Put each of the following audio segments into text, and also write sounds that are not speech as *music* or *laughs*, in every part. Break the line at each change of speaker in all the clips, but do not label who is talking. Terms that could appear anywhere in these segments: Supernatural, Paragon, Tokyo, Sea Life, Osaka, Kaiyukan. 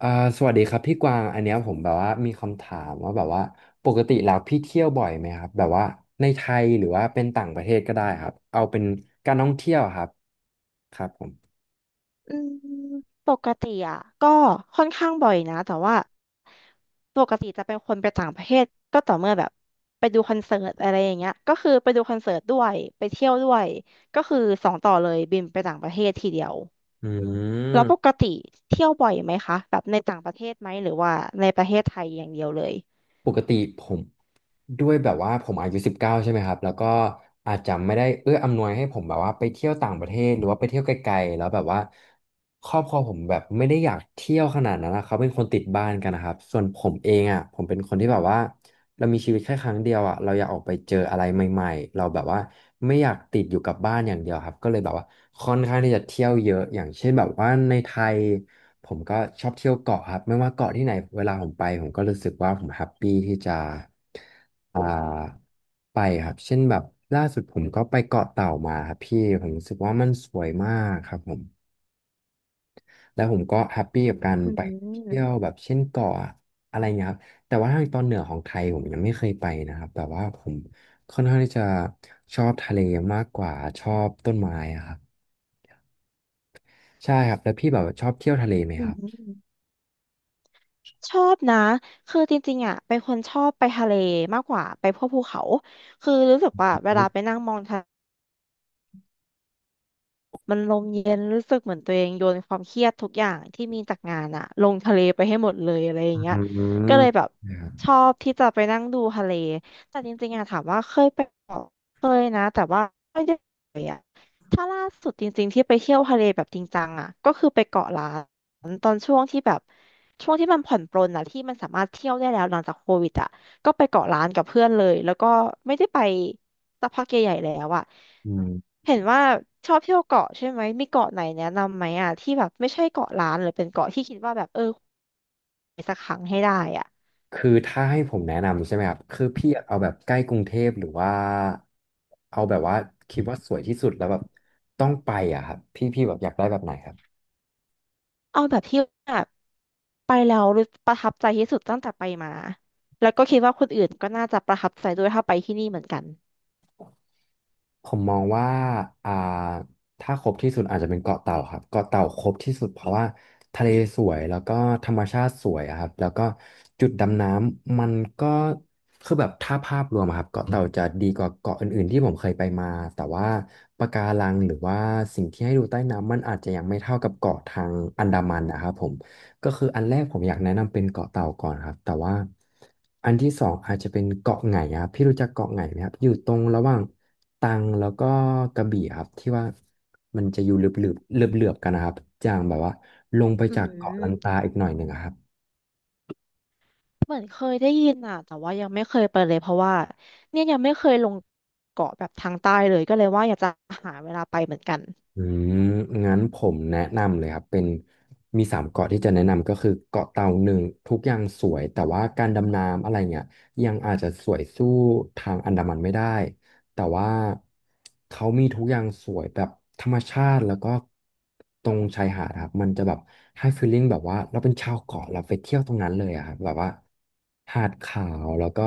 อ่าสวัสดีครับพี่กวางอันเนี้ยผมแบบว่ามีคำถามว่าแบบว่าปกติแล้วพี่เที่ยวบ่อยไหมครับแบบว่าในไทยหรือว่าเป็นต่างประเทศก็ได้ครับเอาเป็นการท่องเที่ยวครับครับผม
อืมปกติอ่ะก็ค่อนข้างบ่อยนะแต่ว่าปกติจะเป็นคนไปต่างประเทศก็ต่อเมื่อแบบไปดูคอนเสิร์ตอะไรอย่างเงี้ยก็คือไปดูคอนเสิร์ตด้วยไปเที่ยวด้วยก็คือสองต่อเลยบินไปต่างประเทศทีเดียว
อื
แล้วปก
ม
ติเที่ยวบ่อยไหมคะแบบในต่างประเทศไหมหรือว่าในประเทศไทยอย่างเดียวเลย
ปกติผมด้วยแบบว่าผมอายุ19ใช่ไหมครับแล้วก็อาจจะไม่ได้เอื้ออำนวยให้ผมแบบว่าไปเที่ยวต่างประเทศหรือว่าไปเที่ยวไกลๆแล้วแบบว่าครอบครัวผมแบบไม่ได้อยากเที่ยวขนาดนั้นนะเขาเป็นคนติดบ้านกันนะครับส่วนผมเองอ่ะผมเป็นคนที่แบบว่า เรามีชีวิตแค่ครั้งเดียวอ่ะเราอยากออกไปเจออะไรใหม่ๆ เราแบบว่าไม่อยากติดอยู่กับบ้านอย่างเดียวครับก็เลยแบบว่าค่อนข้างที่จะเที่ยวเยอะอย่างเช่นแบบว่าในไทยผมก็ชอบเที่ยวเกาะครับไม่ว่าเกาะที่ไหนเวลาผมไปผมก็รู้สึกว่าผมแฮปปี้ที่จะอ่าไปครับเช่นแบบล่าสุดผมก็ไปเกาะเต่ามาครับพี่ผมรู้สึกว่ามันสวยมากครับผม แล้วผมก็แฮปปี้กับการ
อื
ไปเที่ยว
ม
แบบเช่นเกาะอะไรเงี้ยครับแต่ว่าทางตอนเหนือของไทยผมยังไม่เคยไปนะครับแต่ว่าผมค่อนข้างที่จะชอบทะเลมากกว่าชอบต้นไม้อะครับใช่ครับแล้วพี่แบบชอบเที่ยวทะเลไหม
อื
ครับ
มชอบนะคือจริงๆอ่ะเป็นคนชอบไปทะเลมากกว่าไปพวกภูเขาคือรู้สึกว่าเวลาไปนั่งมองทะ มันลมเย็นรู้สึกเหมือนตัวเองโยนความเครียดทุกอย่างที่มีจากงานอะลงทะเลไปให้หมดเลยอะไรอย่า
อื
งเงี้ยก็
ม
เลยแบบ
นะครับ
ชอบที่จะไปนั่งดูทะเลแต่จริงๆอะถามว่าเคยไปเกาะเคยนะแต่ว่าไม่ได้ไปอะถ้าล่าสุดจริงๆที่ไปเที่ยวทะเลแบบจริงจังอะก็คือไปเกาะล้านตอนช่วงที่แบบช่วงที่มันผ่อนปรนอะที่มันสามารถเที่ยวได้แล้วหลังจากโควิดอะ ก็ไปเกาะร้านกับเพื่อนเลยแล้วก็ไม่ได้ไปสักพักใหญ่ๆแล้วอะ
อืม
เห็นว่าชอบเที่ยวเกาะใช่ไหมมีเกาะไหนแนะนำไหมอะที่แบบไม่ใช่เกาะร้านหรือเป็นเกาะที่คิดว่าแบบเออ
คือถ้าให้ผมแนะนำใช่ไหมครับคือพี่อยากเอาแบบใกล้กรุงเทพหรือว่าเอาแบบว่าคิดว่าสวยที่สุดแล้วแบบต้องไปอ่ะครับพี่พี่แบบอยากได้แบบไหนครับ
เอาแบบที่แบบไปแล้วรู้ประทับใจที่สุดตั้งแต่ไปมาแล้วก็คิดว่าคนอื่นก็น่าจะประทับใจด้วยถ้าไปที่นี่เหมือนกัน
ผมมองว่าอ่า ถ้าครบที่สุดอาจจะเป็นเกาะเต่าครับเกาะเต่าครบที่สุดเพราะว่าทะเลสวยแล้วก็ธรรมชาติสวยอะครับแล้วก็จุดดำน้ำมันก็คือแบบถ้าภาพรวมอะครับเกาะเต่าจะดีกว่าเกาะอื่นๆที่ผมเคยไปมาแต่ว่าปะการังหรือว่าสิ่งที่ให้ดูใต้น้ำมันอาจจะยังไม่เท่ากับเกาะทางอันดามันนะครับผม ก็คืออันแรกผมอยากแนะนำเป็นเกาะเต่าก่อนครับแต่ว่าอันที่สองอาจจะเป็นเกาะไหงครับพี่รู้จักเกาะไหงไหมครับอยู่ตรงระหว่าง ตรังแล้วก็กระบี่ครับที่ว่ามันจะอยู่เหลือบๆเหลือบๆกันนะครับอย่างแบบว่าลงไป
อื
จากเกาะลันตา
ม
อีกหน่อยหนึ่งอะครับ
เหมือนเคยได้ยินอ่ะแต่ว่ายังไม่เคยไปเลยเพราะว่าเนี่ยยังไม่เคยลงเกาะแบบทางใต้เลยก็เลยว่าอยากจะหาเวลาไปเหมือนกัน
อืมงั้นผมแนะนำเลยครับเป็นมีสามเกาะที่จะแนะนำก็คือเกาะเต่าหนึ่งทุกอย่างสวยแต่ว่าการดำน้ำอะไรเงี้ยยังอาจจะสวยสู้ทางอันดามันไม่ได้แต่ว่าเขามีทุกอย่างสวยแบบธรรมชาติแล้วก็ตรงชายหาดครับมันจะแบบให้ฟีลลิ่งแบบว่าเราเป็นชาวเกาะเราไปเที่ยวตรงนั้นเลยอะครับแบบว่าหาดขาวแล้วก็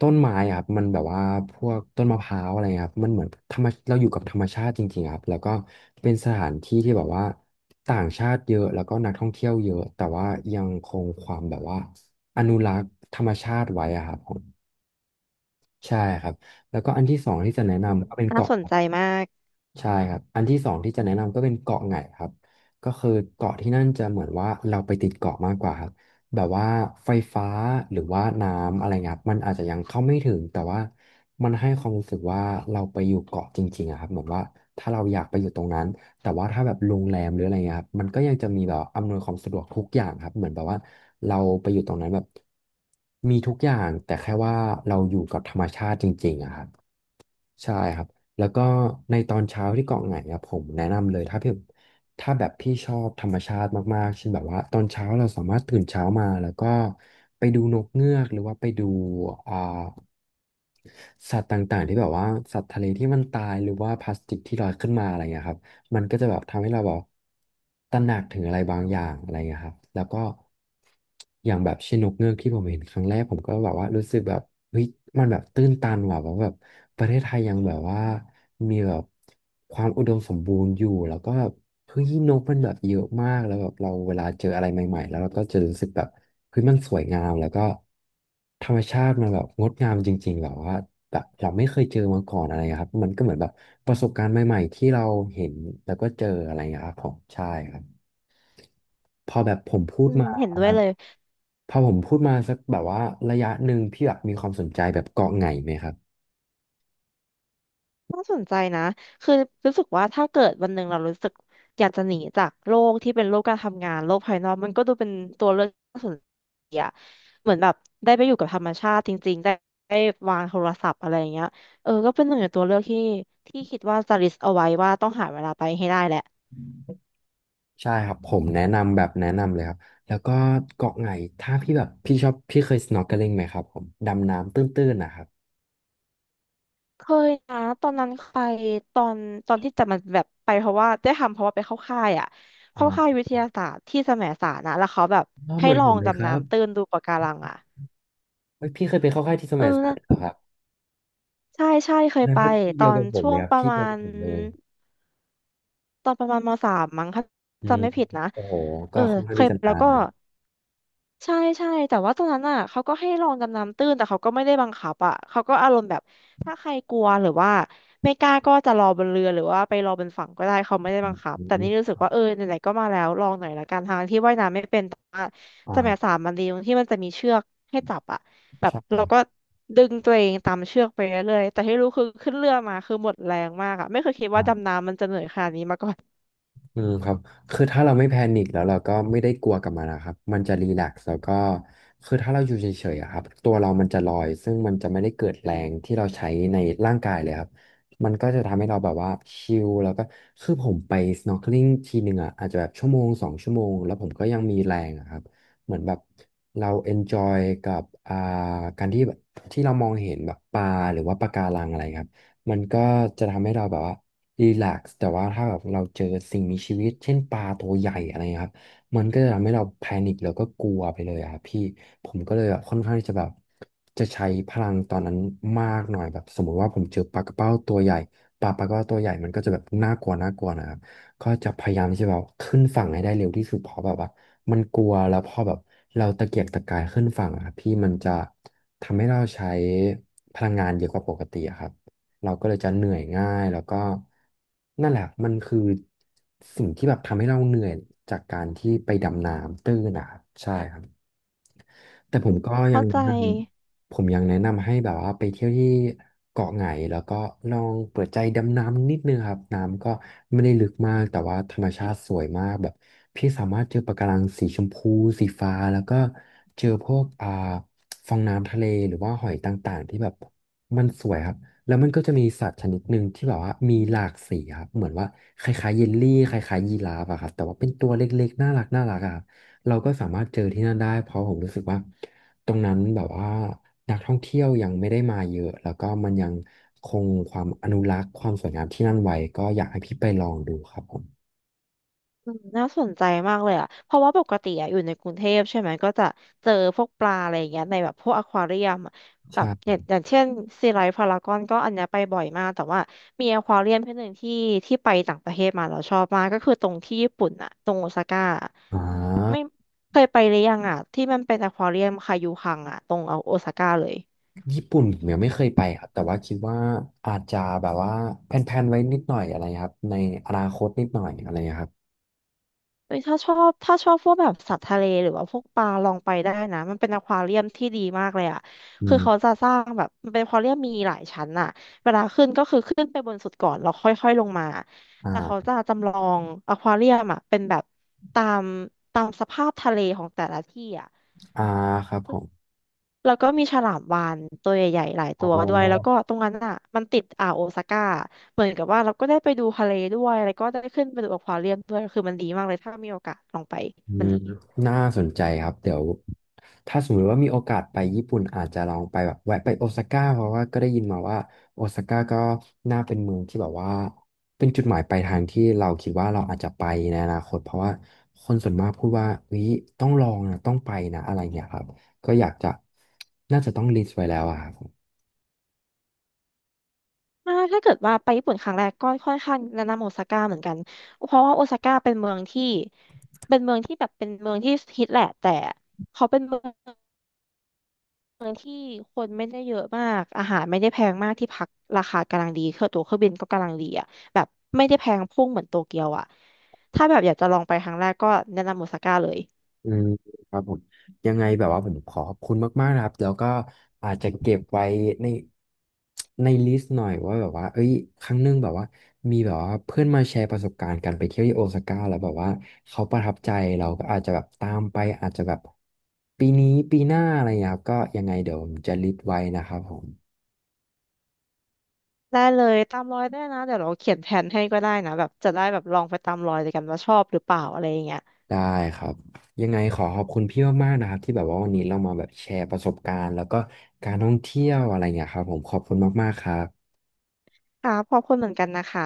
ต้นไม้อะครับมันแบบว่าพวกต้นมะพร้าวอะไรเงี้ยครับมันเหมือนธรรมเราอยู่กับธรรมชาติจริงๆครับแล้วก็เป็นสถานที่ที่แบบว่าต่างชาติเยอะแล้วก็นักท่องเที่ยวเยอะแต่ว่ายังคงความแบบว่าอนุรักษ์ธรรมชาติไว้อะครับผมใช่ครับแล้วก็อันที่สองที่จะแนะ
อืม
นำก็เป็น
น่า
เกาะ
สนใจมาก
ใช่ครับ อันที่สองที่จะแนะนำก็เป็นเกาะไหงครับก็คือเกาะที่นั่นจะเหมือนว่าเราไปติดเกาะมากกว่าครับแบบว่าไฟฟ้าหรือว่าน้ำอะไรเงี้ยครับมันอาจจะยังเข้าไม่ถึงแต่ว่ามันให้ความรู้สึกว่าเราไปอยู่เกาะจริงๆอะครับเหมือนว่าถ้าเราอยากไปอยู่ตรงนั้น แต่ว่าถ้าแบบโรงแรมหรืออะไรเงี้ยครับมันก็ยังจะมีแบบอำนวยความสะดวกทุกอย่างครับเหมือนแบบว่าเราไปอยู่ตรงนั้นแบบมีทุกอย่างแต่แค่ว่าเราอยู่กับธรรมชาติจริงๆอะครับ ใช่ครับ แล้วก็ในตอนเช้าที่เกาะไหงครับผมแนะนำเลยถ้าพี่ถ้าแบบพี่ชอบธรรมชาติมากๆเช่นแบบว่าตอนเช้าเราสามารถตื่นเช้ามาแล้วก็ไปดูนกเงือกหรือว่าไปดูอ่าสัตว์ต่างๆที่แบบว่าสัตว์ทะเลที่มันตายหรือว่าพลาสติกที่ลอยขึ้นมาอะไรอย่างเงี้ยครับ มันก็จะแบบทำให้เราแบบตระหนักถึงอะไรบางอย่างอะไรเงี้ยครับแล้วก็อย่างแบบเช่นนกเงือกที่ผมเห็นครั้งแรกผมก็แบบว่ารู้สึกแบบเฮ้ยมันแบบตื้นตันว่ะแบบว่าแบบประเทศไทยยังแบบว่ามีแบบความอุดมสมบูรณ์อยู่แล้วก็แบบ เฮ้ยนกมันแบบเยอะมากแล้วแบบเราเวลาเจออะไรใหม่ๆแล้วเราก็จะรู้สึกแบบเฮ้ยมันสวยงามแล้วก็ธรรมชาติมันแบบงดงามจริงๆแบบว่าแบบเราไม่เคยเจอมาก่อนอะไรครับมันก็เหมือนแบบประสบการณ์ใหม่ๆที่เราเห็นแล้วก็เจออะไรอย่างเงี้ยครับผมใช่ครับพอแบบผมพู
อื
ด
ม
มา
เห็นด้วยเลย
พอผมพูดมาสักแบบว่าระยะหนึ่งพี่แบบมีความสนใจแบบเกาะไหงไหมครับ
น่าสนใจนะคือรู้สึกว่าถ้าเกิดวันหนึ่งเรารู้สึกอยากจะหนีจากโลกที่เป็นโลกการทำงานโลกภายนอกมันก็ดูเป็นตัวเลือกที่น่าสนใจอะเหมือนแบบได้ไปอยู่กับธรรมชาติจริงๆได้วางโทรศัพท์อะไรอย่างเงี้ยเออก็เป็นหนึ่งในตัวเลือกที่ที่คิดว่าจะ list เอาไว้ว่าต้องหาเวลาไปให้ได้แหละ
ใช่ครับผมแนะนำแบบแนะนำเลยครับแล้วก็เกาะไหนถ้าพี่แบบพี่ชอบพี่เคย snorkeling ไหมครับผมดำน้ำตื้นๆนะครับ
เคยนะตอนนั้นไปตอนตอนที่แต่มันแบบไปเพราะว่าได้ทำเพราะว่าไปเข้าค่ายอ่ะเข้าค่าย
อ่า
วิทยาศาสตร์ที่แสมสารนะแล้วเขาแบบ
ก็เห
ให้
มือน
ลอ
ผม
ง
เลยค
ดำ
รับ
น้ำตื้นดูปะการังอ่ะ
เฮ้ยพี่เคยไปเข้าค่ายที่ส
เอ
ม
อ
ยสาร
นะ
เหรอครับ
ใช่ใช่เค
แส
ย
ดง
ไป
ว่าที่
ต
เดี
อ
ยว
น
กับผม
ช่ว
เลย
ง
ครับ
ประ
ที่
มา
เดียวกั
ณ
บผมเลย
ตอนประมาณมสามมั้งถ้า
อืม
จำไม่ผิดนะ
โอ้โห
เอ
ก็
อ
ค่อนข้า
เค
งที่
ย
จะ
ไปแล้
นา
ว
น
ก็
นะ
ใช่ใช่แต่ว่าตอนนั้นอ่ะเขาก็ให้ลองดำน้ำตื้นแต่เขาก็ไม่ได้บังคับอ่ะเขาก็อารมณ์แบบถ้าใครกลัวหรือว่าไม่กล้าก็จะรอบนเรือหรือว่าไปรอบนฝั่งก็ได้เขาไม่ได้บังคับ
อื
แต่นี่รู้
ม
สึกว่าเออไหนๆก็มาแล้วลองหน่อยละกันทางที่ว่ายน้ำไม่เป็นแต่ว่า
อ่
สมัย
า
สามมันดีตรงที่มันจะมีเชือกให้จับอ่ะแบบ
ใช
เราก็ดึงตัวเองตามเชือกไปเรื่อยๆแต่ที่รู้คือขึ้นเรือมาคือหมดแรงมากอ่ะไม่เคยคิดว่าดำ
่
น้ำมันจะเหนื่อยขนาดนี้มาก่อน *laughs*
อืมครับคือถ้าเราไม่แพนิคแล้วเราก็ไม่ได้กลัวกับมันนะครับมันจะรีแลกซ์แล้วก็คือถ้าเราอยู่เฉยๆอะครับตัวเรามันจะลอยซึ่งมันจะไม่ได้เกิดแรงที่เราใช้ในร่างกายเลยครับมันก็จะทำให้เราแบบว่าชิลแล้วก็คือผมไป snorkeling ทีหนึ่งอ่ะอาจจะแบบชั่วโมงสองชั่วโมงแล้วผมก็ยังมีแรงอะครับเหมือนแบบเรา enjoy กับการที่แบบที่เรามองเห็นแบบปลาหรือว่าปะการังอะไรครับ มันก็จะทำให้เราแบบว่ารีแลกซ์แต่ว่าถ้าแบบเราเจอสิ่งมีชีวิตเช่นปลาตัวใหญ่อะไรเงี้ยครับมันก็จะทำให้เราแพนิคแล้วก็กลัวไปเลยอะครับพี่ผมก็เลยแบบค่อนข้างที่จะแบบจะใช้พลังตอนนั้นมากหน่อยแบบสมมุติว่าผมเจอปลากระเป้าตัวใหญ่ปลากระเป้าตัวใหญ่มันก็จะแบบน่ากลัวน่ากลัวนะครับ ก็จะพยายามที่จะแบบขึ้นฝั่งให้ได้เร็วที่สุดเพราะแบบว่ามันกลัวแล้วพอแบบเราตะเกียกตะกายขึ้นฝั่งอะครับพี่มันจะทำให้เราใช้พลังงานเยอะกว่าปกติอะครับ เราก็เลยจะเหนื่อยง่ายแล้วก็นั่นแหละมันคือสิ่งที่แบบทำให้เราเหนื่อยจากการที่ไปดำน้ำตื้นนะครับใช่ครับ แต่ผมก็ยั
เข้า
งแนะ
ใจ
นำผมยังแนะนำให้แบบว่าไปเที่ยวที่เกาะไหงแล้วก็ลองเปิดใจดำน้ำนิดนึงครับน้ำก็ไม่ได้ลึกมากแต่ว่าธรรมชาติสวยมากแบบพี่สามารถเจอปะการังสีชมพูสีฟ้าแล้วก็เจอพวกฟองน้ำทะเลหรือว่าหอยต่างๆที่แบบมันสวยครับแล้วมันก็จะมีสัตว์ชนิดหนึ่งที่แบบว่ามีหลากสีครับเหมือนว่าคล้ายๆเยลลี่คล้ายๆยีราฟอะครับแต่ว่าเป็นตัวเล็กๆน่ารักน่ารักอะ เราก็สามารถเจอที่นั่นได้เพราะผมรู้สึกว่าตรงนั้นแบบว่านักท่องเที่ยวยังไม่ได้มาเยอะแล้วก็มันยังคงความอนุรักษ์ความสวยงามที่นั่นไว้ก็อยากให้พี่ไปลองดูครับผม
อืมน่าสนใจมากเลยอ่ะ เพราะว่าปกติอ่ะอยู่ในกรุงเทพใช่ไหมก็จะเจอพวกปลาอะไรอย่างเงี้ยในแบบพวกอควาเรียมอะแบ
ใช่
บอย่างเช่นซีไลท์พารากอนก็อันเนี้ยไปบ่อยมากแต่ว่ามีอควาเรียมที่หนึ่งที่ไปต่างประเทศมาเราชอบมากก็คือตรงที่ญี่ปุ่นอ่ะตรงโอซาก้าอะ
อ่า
ไม่เคยไปหรือยังอ่ะที่มันเป็นอควาเรียมคายูคังอ่ะตรงโอซาก้าเลย
ญี่ปุ่นผมยังไม่เคยไปครับแต่ว่าคิดว่าอาจจะแบบว่าแพลนๆไว้นิดหน่อยอะไรครับในอนาคตนิดหน่อยอะไรครับ
เอ้ยถ้าชอบถ้าชอบพวกแบบสัตว์ทะเลหรือว่าพวกปลาลองไปได้นะมันเป็นอควาเรียมที่ดีมากเลยอ่ะ
อื
คือเขา
ม
จะสร้างแบบมันเป็นอควาเรียมมีหลายชั้นอ่ะเวลาขึ้นก็คือขึ้นไปบนสุดก่อนแล้วค่อยๆลงมาแต่เขา
อ่า
จะจำลองอควาเรียมอ่ะเป็นแบบตามตามสภาพทะเลของแต่ละที่อ่ะ
อ่าครับผม
แล้วก็มีฉลามวาฬตัวใหญ่ๆหลาย
อ๋
ตัวด้วยแล้วก็
อ
ตรงนั้นอ่ะมันติดอ่าวโอซาก้าเหมือนกับว่าเราก็ได้ไปดูทะเลด้วยแล้วก็ได้ขึ้นไปดูอควาเรียมด้วยคือมันดีมากเลยถ้ามีโอกาสลองไป
อื
มัน
ม
ดี
น่าสนใจครับเดี๋ยวถ้าสมมติว่ามีโอกาสไปญี่ปุ่นอาจจะลองไปแบบแวะไปโอซาก้าเพราะว่าก็ได้ยินมาว่าโอซาก้าก็น่าเป็นเมืองที่แบบว่าเป็นจุดหมายปลายทางที่เราคิดว่าเราอาจจะไปในอนาคตเพราะว่าคนส่วนมากพูดว่าวิต้องลองนะต้องไปนะอะไรเงี้ยครับก็อยากจะน่าจะต้องลิสต์ไว้แล้วอะครับ
อ่าถ้าเกิดว่าไปญี่ปุ่นครั้งแรกก็ค่อนข้างแนะนำโอซาก้าเหมือนกันเพราะว่าโอซาก้าเป็นเมืองที่เป็นเมืองที่แบบเป็นเมืองที่ฮิตแหละแต่เขาเป็นเมืองที่คนไม่ได้เยอะมากอาหารไม่ได้แพงมากที่พักราคากำลังดีเครื่องตั๋วเครื่องบินก็กำลังดีอ่ะแบบไม่ได้แพงพุ่งเหมือนโตเกียวอ่ะถ้าแบบอยากจะลองไปครั้งแรกก็แนะนำโอซาก้าเลย
อืมครับผมยังไงแบบว่าผมขอขอบคุณมากๆนะครับแล้วก็อาจจะเก็บไว้ในในลิสต์หน่อยว่าแบบว่าเอ้ยครั้งหนึงแบบว่ามีแบบว่าเพื่อนมาแชร์ประสบการณ์การไปเที่ยวที่โอซาก้าแล้วแบบว่าเขาประทับใจเราก็อาจจะแบบตามไปอาจจะแบบปีนี้ปีหน้าอะไรอย่างเงี้ยครับก็ยังไงเดี๋ยวผมจะลิสต์ไว้นะครับผม
ได้เลยตามรอยได้นะเดี๋ยวเราเขียนแผนให้ก็ได้นะแบบจะได้แบบลองไปตามรอยด้วยกันว่าชอบหรือเปล่าอะไรอย่างเงี้ย
ได้ครับยังไงขอขอบคุณพี่มากๆนะครับที่แบบว่าวันนี้เรามาแบบแชร์ประสบการณ์แล้วก็การท่องเที่ยวอะไรอย่างเงี้ยครับผมขอบคุณมากๆครับ
ค่ะขอบคุณเหมือนกันนะคะ